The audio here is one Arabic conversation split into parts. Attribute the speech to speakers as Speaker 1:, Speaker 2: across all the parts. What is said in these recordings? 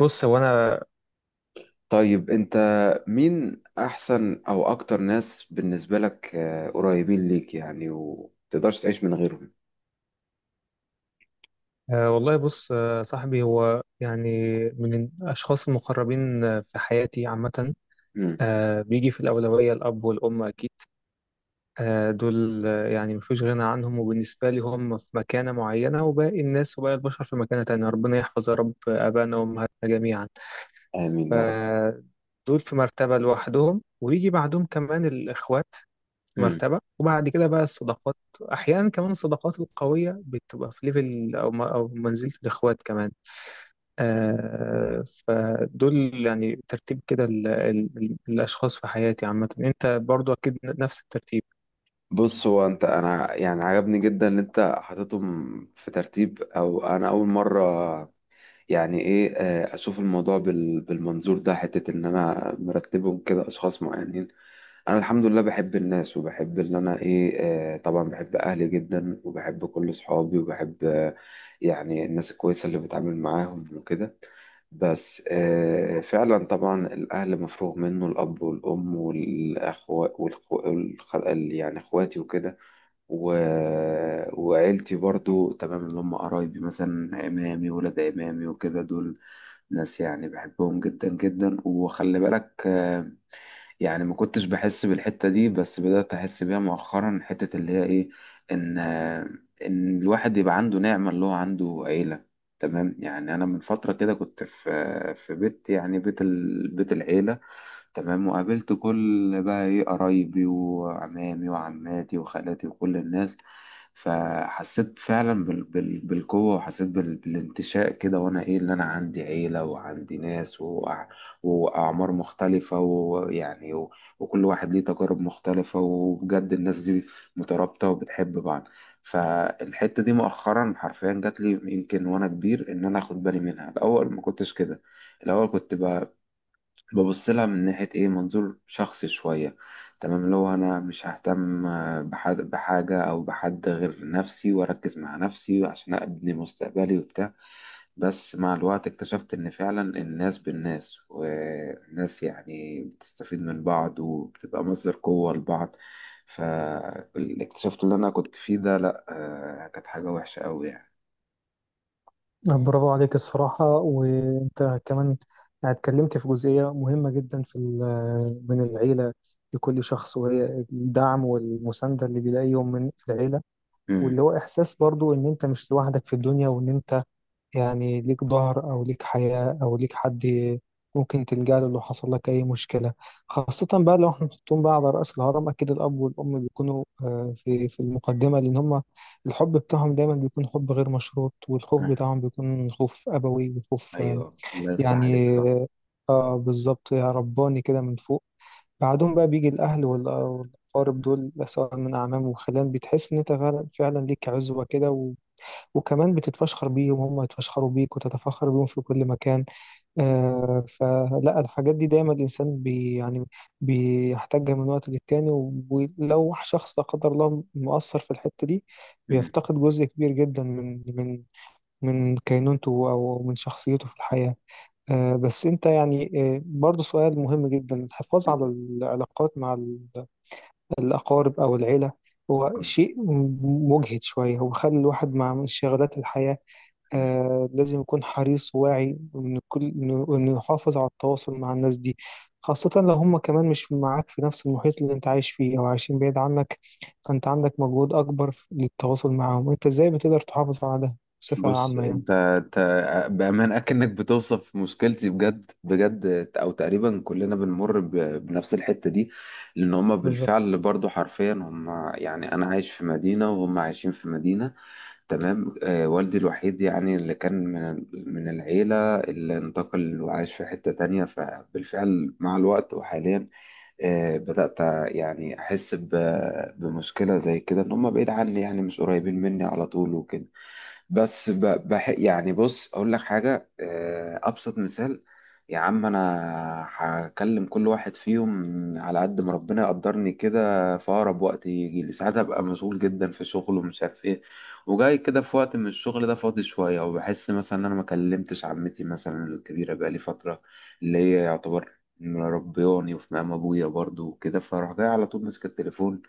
Speaker 1: بص هو انا.
Speaker 2: طيب، انت مين احسن او اكتر ناس بالنسبة لك، قريبين ليك يعني ومتقدرش تعيش من غيرهم؟
Speaker 1: والله بص، صاحبي هو من الاشخاص المقربين في حياتي عامه.
Speaker 2: مم.
Speaker 1: بيجي في الاولويه الاب والام اكيد. دول، مفيش غنى عنهم، وبالنسبه لي هم في مكانه معينه، وباقي الناس وباقي البشر في مكانه تانية. ربنا يحفظ يا رب ابائنا وامهاتنا جميعا.
Speaker 2: امين يا رب.
Speaker 1: فدول في مرتبه لوحدهم، ويجي بعدهم كمان الاخوات
Speaker 2: مم.
Speaker 1: مرتبة، وبعد كده بقى الصداقات. أحيانا كمان الصداقات القوية بتبقى في ليفل أو منزلة الإخوات كمان. فدول ترتيب كده الأشخاص في حياتي عامة. أنت برضو أكيد نفس الترتيب؟
Speaker 2: بص، هو انا يعني عجبني جدا ان انت حاططهم في ترتيب، او انا اول مرة يعني ايه، اشوف الموضوع بالمنظور ده، حتة ان انا مرتبهم كده اشخاص معينين. انا الحمد لله بحب الناس، وبحب ان انا ايه. طبعا بحب اهلي جدا، وبحب كل اصحابي، وبحب يعني الناس الكويسه اللي بتعامل معاهم وكده. بس فعلا طبعا الاهل مفروغ منه، الاب والام والاخوات والخ... يعني اخواتي وكده و... وعيلتي برضو تمام، اللي هم قرايبي مثلا، عمامي ولاد عمامي وكده، دول ناس يعني بحبهم جدا جدا. وخلي بالك، يعني ما كنتش بحس بالحتة دي، بس بدأت أحس بيها مؤخرا، حتة اللي هي إيه، إن الواحد يبقى عنده نعمة اللي هو عنده عيلة. تمام، يعني أنا من فترة كده كنت في بيت، يعني بيت العيلة. تمام، وقابلت كل بقى ايه قرايبي وعمامي وعماتي وخالاتي وكل الناس. فحسيت فعلا بالقوة، وحسيت بالانتشاء كده، وانا ايه اللي انا عندي عيلة وعندي ناس واعمار مختلفة، ويعني وكل واحد ليه تجارب مختلفة، وبجد الناس دي مترابطة وبتحب بعض. فالحتة دي مؤخرا حرفيا جات لي يمكن وانا كبير، ان انا اخد بالي منها، الاول ما كنتش كده. الاول كنت ببص لها من ناحية إيه، منظور شخصي شوية. تمام، اللي هو أنا مش ههتم، بحد بحاجة أو بحد غير نفسي، وأركز مع نفسي عشان أبني مستقبلي وبتاع. بس مع الوقت اكتشفت إن فعلا الناس بالناس، والناس يعني بتستفيد من بعض وبتبقى مصدر قوة لبعض. فاكتشفت اللي أنا كنت فيه ده لأ، كانت حاجة وحشة أوي يعني.
Speaker 1: برافو عليك الصراحة. وأنت كمان اتكلمت في جزئية مهمة جدا في من العيلة لكل شخص، وهي الدعم والمساندة اللي بيلاقيهم من العيلة،
Speaker 2: مم.
Speaker 1: واللي هو إحساس برضو إن أنت مش لوحدك في الدنيا، وإن أنت ليك ظهر أو ليك حياة أو ليك حد ممكن تلجأ له لو حصل لك أي مشكلة. خاصة بقى لو احنا نحطهم بقى على رأس الهرم، أكيد الأب والأم بيكونوا في المقدمة، لأن هما الحب بتاعهم دايما بيكون حب غير مشروط، والخوف
Speaker 2: مم.
Speaker 1: بتاعهم بيكون خوف أبوي وخوف
Speaker 2: أيوه، الله يفتح عليك،
Speaker 1: يعني
Speaker 2: صح.
Speaker 1: اه بالظبط، يا رباني كده من فوق. بعدهم بقى بيجي الأهل والأقارب دول، سواء من أعمام وخلان، بتحس إن أنت فعلاً ليك عزوة كده. وكمان بتتفشخر بيهم، هم يتفشخروا بيك، وتتفخر بيهم في كل مكان. فلا، الحاجات دي دايما الإنسان بي يعني بيحتاجها من وقت للتاني. ولو شخص لا قدر الله مؤثر في الحتة دي،
Speaker 2: مم.
Speaker 1: بيفتقد جزء كبير جدا من كينونته أو من شخصيته في الحياة. بس أنت برضو سؤال مهم جدا. الحفاظ على
Speaker 2: مم.
Speaker 1: العلاقات مع الأقارب أو العيلة هو شيء مجهد شوية. هو خلى الواحد مع انشغالات الحياة
Speaker 2: مم.
Speaker 1: لازم يكون حريص وواعي إن كل إنه إنه يحافظ على التواصل مع الناس دي، خاصة لو هم كمان مش معاك في نفس المحيط اللي أنت عايش فيه أو عايشين بعيد عنك، فأنت عندك مجهود أكبر للتواصل معاهم. أنت إزاي بتقدر تحافظ على ده بصفة
Speaker 2: بص،
Speaker 1: عامة يعني؟
Speaker 2: انت بأمانة اكنك بتوصف مشكلتي بجد بجد، او تقريبا كلنا بنمر بنفس الحتة دي. لان هما
Speaker 1: بالظبط.
Speaker 2: بالفعل برضو حرفيا هما، يعني انا عايش في مدينة وهم عايشين في مدينة. تمام، والدي الوحيد يعني اللي كان من العيلة، اللي انتقل وعايش في حتة تانية، فبالفعل مع الوقت وحاليا بدأت يعني احس بمشكلة زي كده، ان هما بعيد عني، يعني مش قريبين مني على طول وكده. بس ب- بح يعني، بص اقول لك حاجه، ابسط مثال. يا عم، انا هكلم كل واحد فيهم على قد ما ربنا يقدرني كده في اقرب وقت. يجي لي ساعات ابقى مسؤول جدا في شغل ومش عارف ايه، وجاي كده في وقت من الشغل ده فاضي شويه، وبحس مثلا ان انا ما كلمتش عمتي مثلا الكبيره بقالي فتره، اللي هي يعتبر مربياني وفي مقام ابويا برضو وكده، فاروح جاي على طول ماسك التليفون.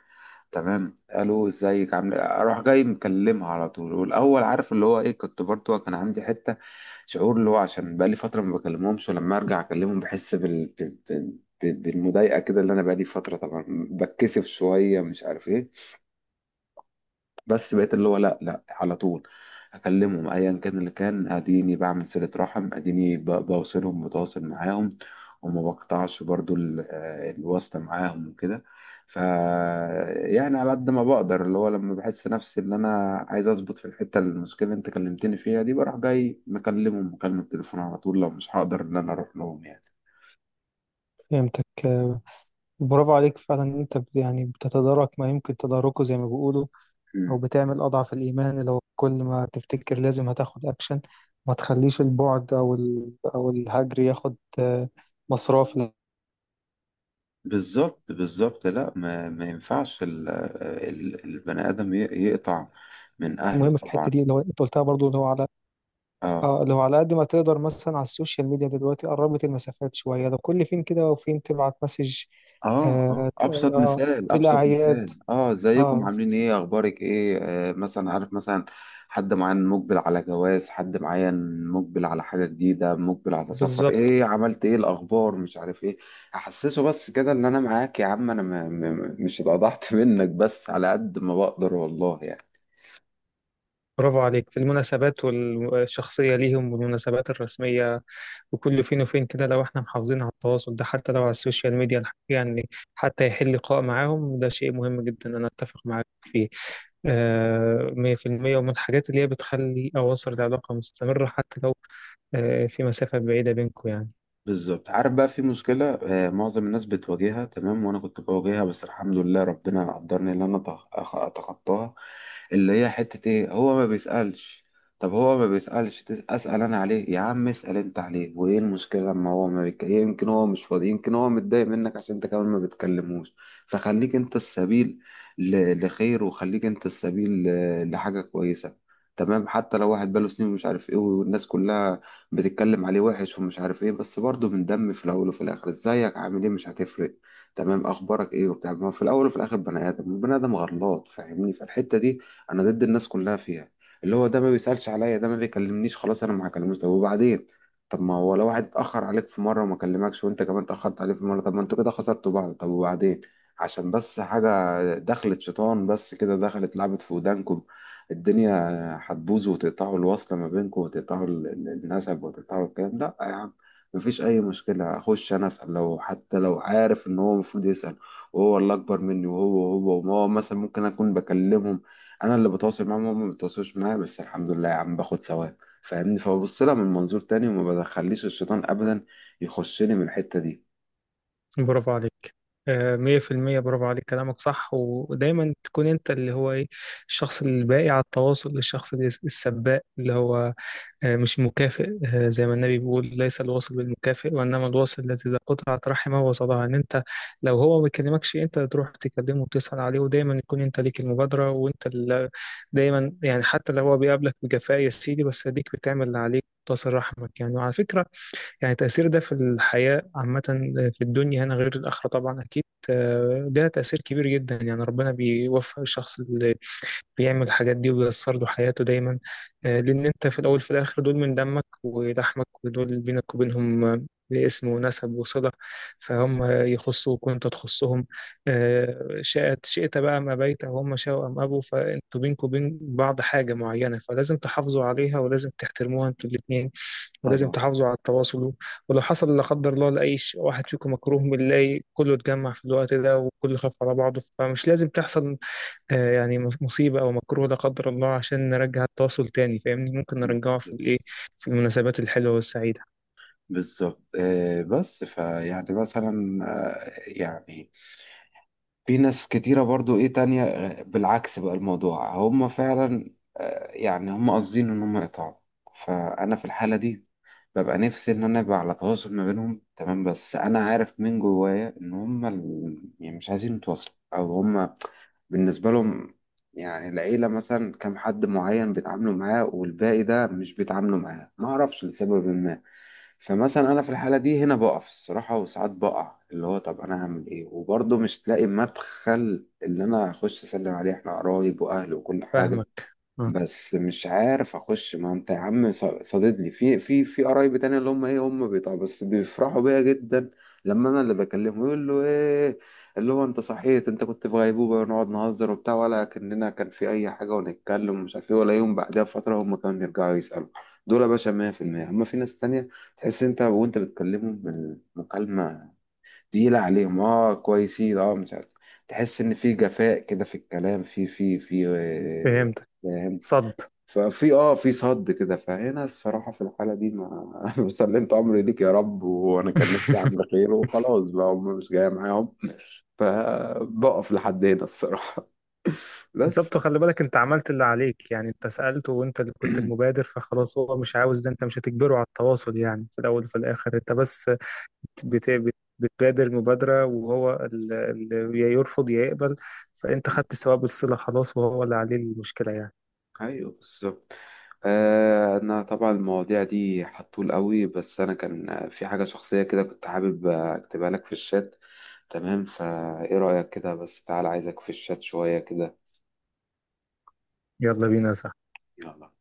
Speaker 2: تمام، الو ازيك عامل إيه؟ اروح جاي مكلمها على طول، والاول عارف اللي هو ايه، كنت برضو كان عندي حته شعور اللي هو عشان بقالي فتره ما بكلمهمش، ولما ارجع اكلمهم بحس بالمضايقه كده، اللي انا بقالي فتره طبعا بتكسف شويه مش عارف ايه. بس بقيت اللي هو لا لا، على طول اكلمهم ايا كان اللي كان، اديني بعمل صلة رحم، اديني بوصلهم بتواصل معاهم، وما بقطعش برضو الواسطة معاهم وكده. ف يعني، على قد ما بقدر اللي هو لما بحس نفسي ان انا عايز اظبط في الحتة، المشكلة اللي انت كلمتني فيها دي، بروح جاي مكلمهم مكالمة تليفون على طول، لو مش هقدر ان انا اروح لهم يعني.
Speaker 1: فهمتك. برافو عليك فعلا إن أنت بتتدارك ما يمكن تداركه زي ما بيقولوا، أو
Speaker 2: مم.
Speaker 1: بتعمل أضعف الإيمان. لو كل ما تفتكر لازم هتاخد أكشن، ما تخليش البعد أو الهجر ياخد مصراف.
Speaker 2: بالظبط بالظبط، لا ما ينفعش البني آدم يقطع من أهله
Speaker 1: مهمة في الحتة
Speaker 2: طبعا.
Speaker 1: دي اللي هو انت قلتها برضو، اللي هو على
Speaker 2: اه
Speaker 1: اه، اللي هو على قد ما تقدر مثلا على السوشيال ميديا دلوقتي قربت المسافات شوية. لو كل فين كده وفين تبعت مسج،
Speaker 2: اه
Speaker 1: آه, ت-
Speaker 2: ابسط
Speaker 1: اه
Speaker 2: مثال،
Speaker 1: في
Speaker 2: ابسط
Speaker 1: الأعياد.
Speaker 2: مثال، ازيكم
Speaker 1: اه
Speaker 2: عاملين ايه، اخبارك ايه، مثلا عارف، مثلا حد معين مقبل على جواز، حد معين مقبل على حاجه جديده، مقبل على سفر،
Speaker 1: بالظبط.
Speaker 2: ايه عملت، ايه الاخبار، مش عارف ايه. احسسه بس كده ان انا معاك يا عم، انا م م مش اتقضحت منك، بس على قد ما بقدر والله يعني.
Speaker 1: برافو عليك في المناسبات الشخصية ليهم والمناسبات الرسمية، وكل فين وفين كده، لو احنا محافظين على التواصل ده حتى لو على السوشيال ميديا، يعني حتى يحل لقاء معاهم، ده شيء مهم جدا. أنا أتفق معاك فيه مية في المية، ومن الحاجات اللي هي بتخلي أواصر العلاقة مستمرة حتى لو في مسافة بعيدة بينكم يعني.
Speaker 2: بالظبط، عارف بقى في مشكلة، معظم الناس بتواجهها تمام، وأنا كنت بواجهها، بس الحمد لله ربنا قدرني إن أنا أتخطاها. اللي هي حتة إيه، هو ما بيسألش. طب هو ما بيسألش، أسأل أنا عليه، يا عم اسأل أنت عليه، وإيه المشكلة لما هو ما بيك... يمكن هو مش فاضي، يمكن هو متضايق منك عشان أنت كمان ما بتكلموش. فخليك أنت السبيل لخير، وخليك أنت السبيل لحاجة كويسة. تمام، حتى لو واحد بقاله سنين ومش عارف إيه، والناس كلها بتتكلم عليه وحش ومش عارف ايه، بس برضه من دم، في الاول وفي الاخر ازيك عامل ايه مش هتفرق. تمام، اخبارك ايه وبتاع، ما هو في الاول وفي الاخر بني ادم، البني ادم غلط، فاهمني، فالحته دي انا ضد الناس كلها فيها. اللي هو ده ما بيسالش عليا، ده ما بيكلمنيش خلاص انا ما هكلموش، طب وبعدين؟ طب ما هو لو واحد اتاخر عليك في مره وما كلمكش، وانت كمان اتاخرت عليه في مره، طب ما انتوا كده خسرتوا بعض، طب وبعدين؟ عشان بس حاجه دخلت شيطان بس كده، دخلت لعبت في ودانكم، الدنيا هتبوظوا وتقطعوا الوصلة ما بينكم، وتقطعوا النسب، وتقطعوا الكلام، لا يا عم. مفيش أي مشكلة، أخش أنا أسأل، لو حتى لو عارف إن هو المفروض يسأل وهو اللي أكبر مني، وهو مثلا ممكن أكون بكلمهم، أنا اللي بتواصل معاهم، هم ما بيتواصلوش معايا، بس الحمد لله يا عم باخد ثواب فاهمني، فببص لها من منظور تاني، وما بدخليش الشيطان أبدا يخشني من الحتة دي.
Speaker 1: برافو عليك، مية في المية. برافو عليك، كلامك صح. ودايما تكون أنت اللي هو إيه، الشخص الباقي على التواصل، الشخص السباق، اللي هو مش مكافئ. زي ما النبي بيقول: ليس الواصل بالمكافئ وإنما الواصل الذي إذا قطعت رحمه وصلها. إن أنت لو هو ما بيكلمكش، أنت تروح تكلمه وتسأل عليه، ودايما يكون أنت ليك المبادرة. وأنت دايما يعني حتى لو هو بيقابلك بجفاء يا سيدي، بس أديك بتعمل اللي عليك، تصل رحمك يعني. وعلى فكرة، يعني تأثير ده في الحياة عامة، في الدنيا هنا غير الآخرة طبعا أكيد. ده تأثير كبير جدا. يعني ربنا بيوفق الشخص بيعمل الحاجات دي، وبيأثر له حياته دايما. لأن أنت في الأول في الآخر دول من دمك ولحمك، ودول بينك وبينهم اسم ونسب وصلة. فهم يخصوك وأنت تخصهم، شاءت شئت بقى أم أبيت، أو هم شاءوا أم أبوا، فأنتوا بينكوا وبين بعض حاجة معينة، فلازم تحافظوا عليها ولازم تحترموها أنتوا الاتنين، ولازم
Speaker 2: طبعا.
Speaker 1: تحافظوا على التواصل. ولو حصل لا قدر الله لأي واحد فيكم مكروه، بنلاقي كله اتجمع في الوقت ده، وكله خاف على بعضه. فمش لازم تحصل يعني مصيبة أو مكروه لا قدر الله عشان نرجع التواصل تاني، فاهمني؟ ممكن نرجعه في الإيه، في المناسبات الحلوة والسعيدة.
Speaker 2: بالظبط، بس فيعني مثلا، يعني في ناس كتيرة برضو ايه تانية، بالعكس بقى الموضوع هم فعلا يعني هم قاصدين ان هم يقطعوا. فانا في الحالة دي ببقى نفسي ان انا ابقى على تواصل ما بينهم، تمام، بس انا عارف من جوايا ان هم يعني مش عايزين يتواصلوا، او هم بالنسبة لهم، يعني العيلة مثلا كام حد معين بيتعاملوا معاه، والباقي ده مش بيتعاملوا معاه، ما اعرفش لسبب ما. فمثلا انا في الحاله دي هنا بقف الصراحه، وساعات بقع اللي هو طب انا هعمل ايه، وبرضه مش تلاقي مدخل اللي انا اخش اسلم عليه، احنا قرايب واهل وكل حاجه.
Speaker 1: فاهمك. آه،
Speaker 2: بس مش عارف اخش، ما انت يا عم صاددني، في قرايب تانية اللي هم ايه، هم بيطلعوا بس بيفرحوا بيا جدا لما انا اللي بكلمه، يقول له ايه اللي هو انت صحيت، انت كنت في غيبوبه، ونقعد نهزر وبتاع ولا كاننا كان في اي حاجه، ونتكلم ومش عارف ايه، ولا يوم بعدها بفتره هم كانوا يرجعوا يسالوا. دول يا باشا 100%. اما في ناس تانية تحس انت وانت بتكلمهم المكالمه تقيله عليهم، كويسين، مش عارف، تحس ان في جفاء كده في الكلام في في في
Speaker 1: فهمتك.
Speaker 2: آه،
Speaker 1: صد.
Speaker 2: ففي اه في صد كده. فهنا الصراحة في الحالة دي، ما سلمت أمري ليك يا رب، وأنا كان نفسي أعمل خير، وخلاص بقى هم مش جاية معاهم. فبقف لحد هنا الصراحة. بس.
Speaker 1: بالظبط. خلي بالك أنت عملت اللي عليك، يعني أنت سألته وأنت اللي كنت المبادر، فخلاص هو مش عاوز ده. أنت مش هتجبره على التواصل، يعني في الأول وفي الآخر أنت بس بتبادر مبادرة، وهو يا يرفض يا يقبل. فأنت خدت ثواب الصلة خلاص، وهو اللي عليه المشكلة يعني.
Speaker 2: ايوه بالظبط. انا طبعا المواضيع دي حطول قوي، بس انا كان في حاجه شخصيه كده كنت حابب اكتبها لك في الشات. تمام، فايه رايك كده، بس تعال عايزك في الشات شويه كده.
Speaker 1: يلا بينا يا صاحبي.
Speaker 2: يلا.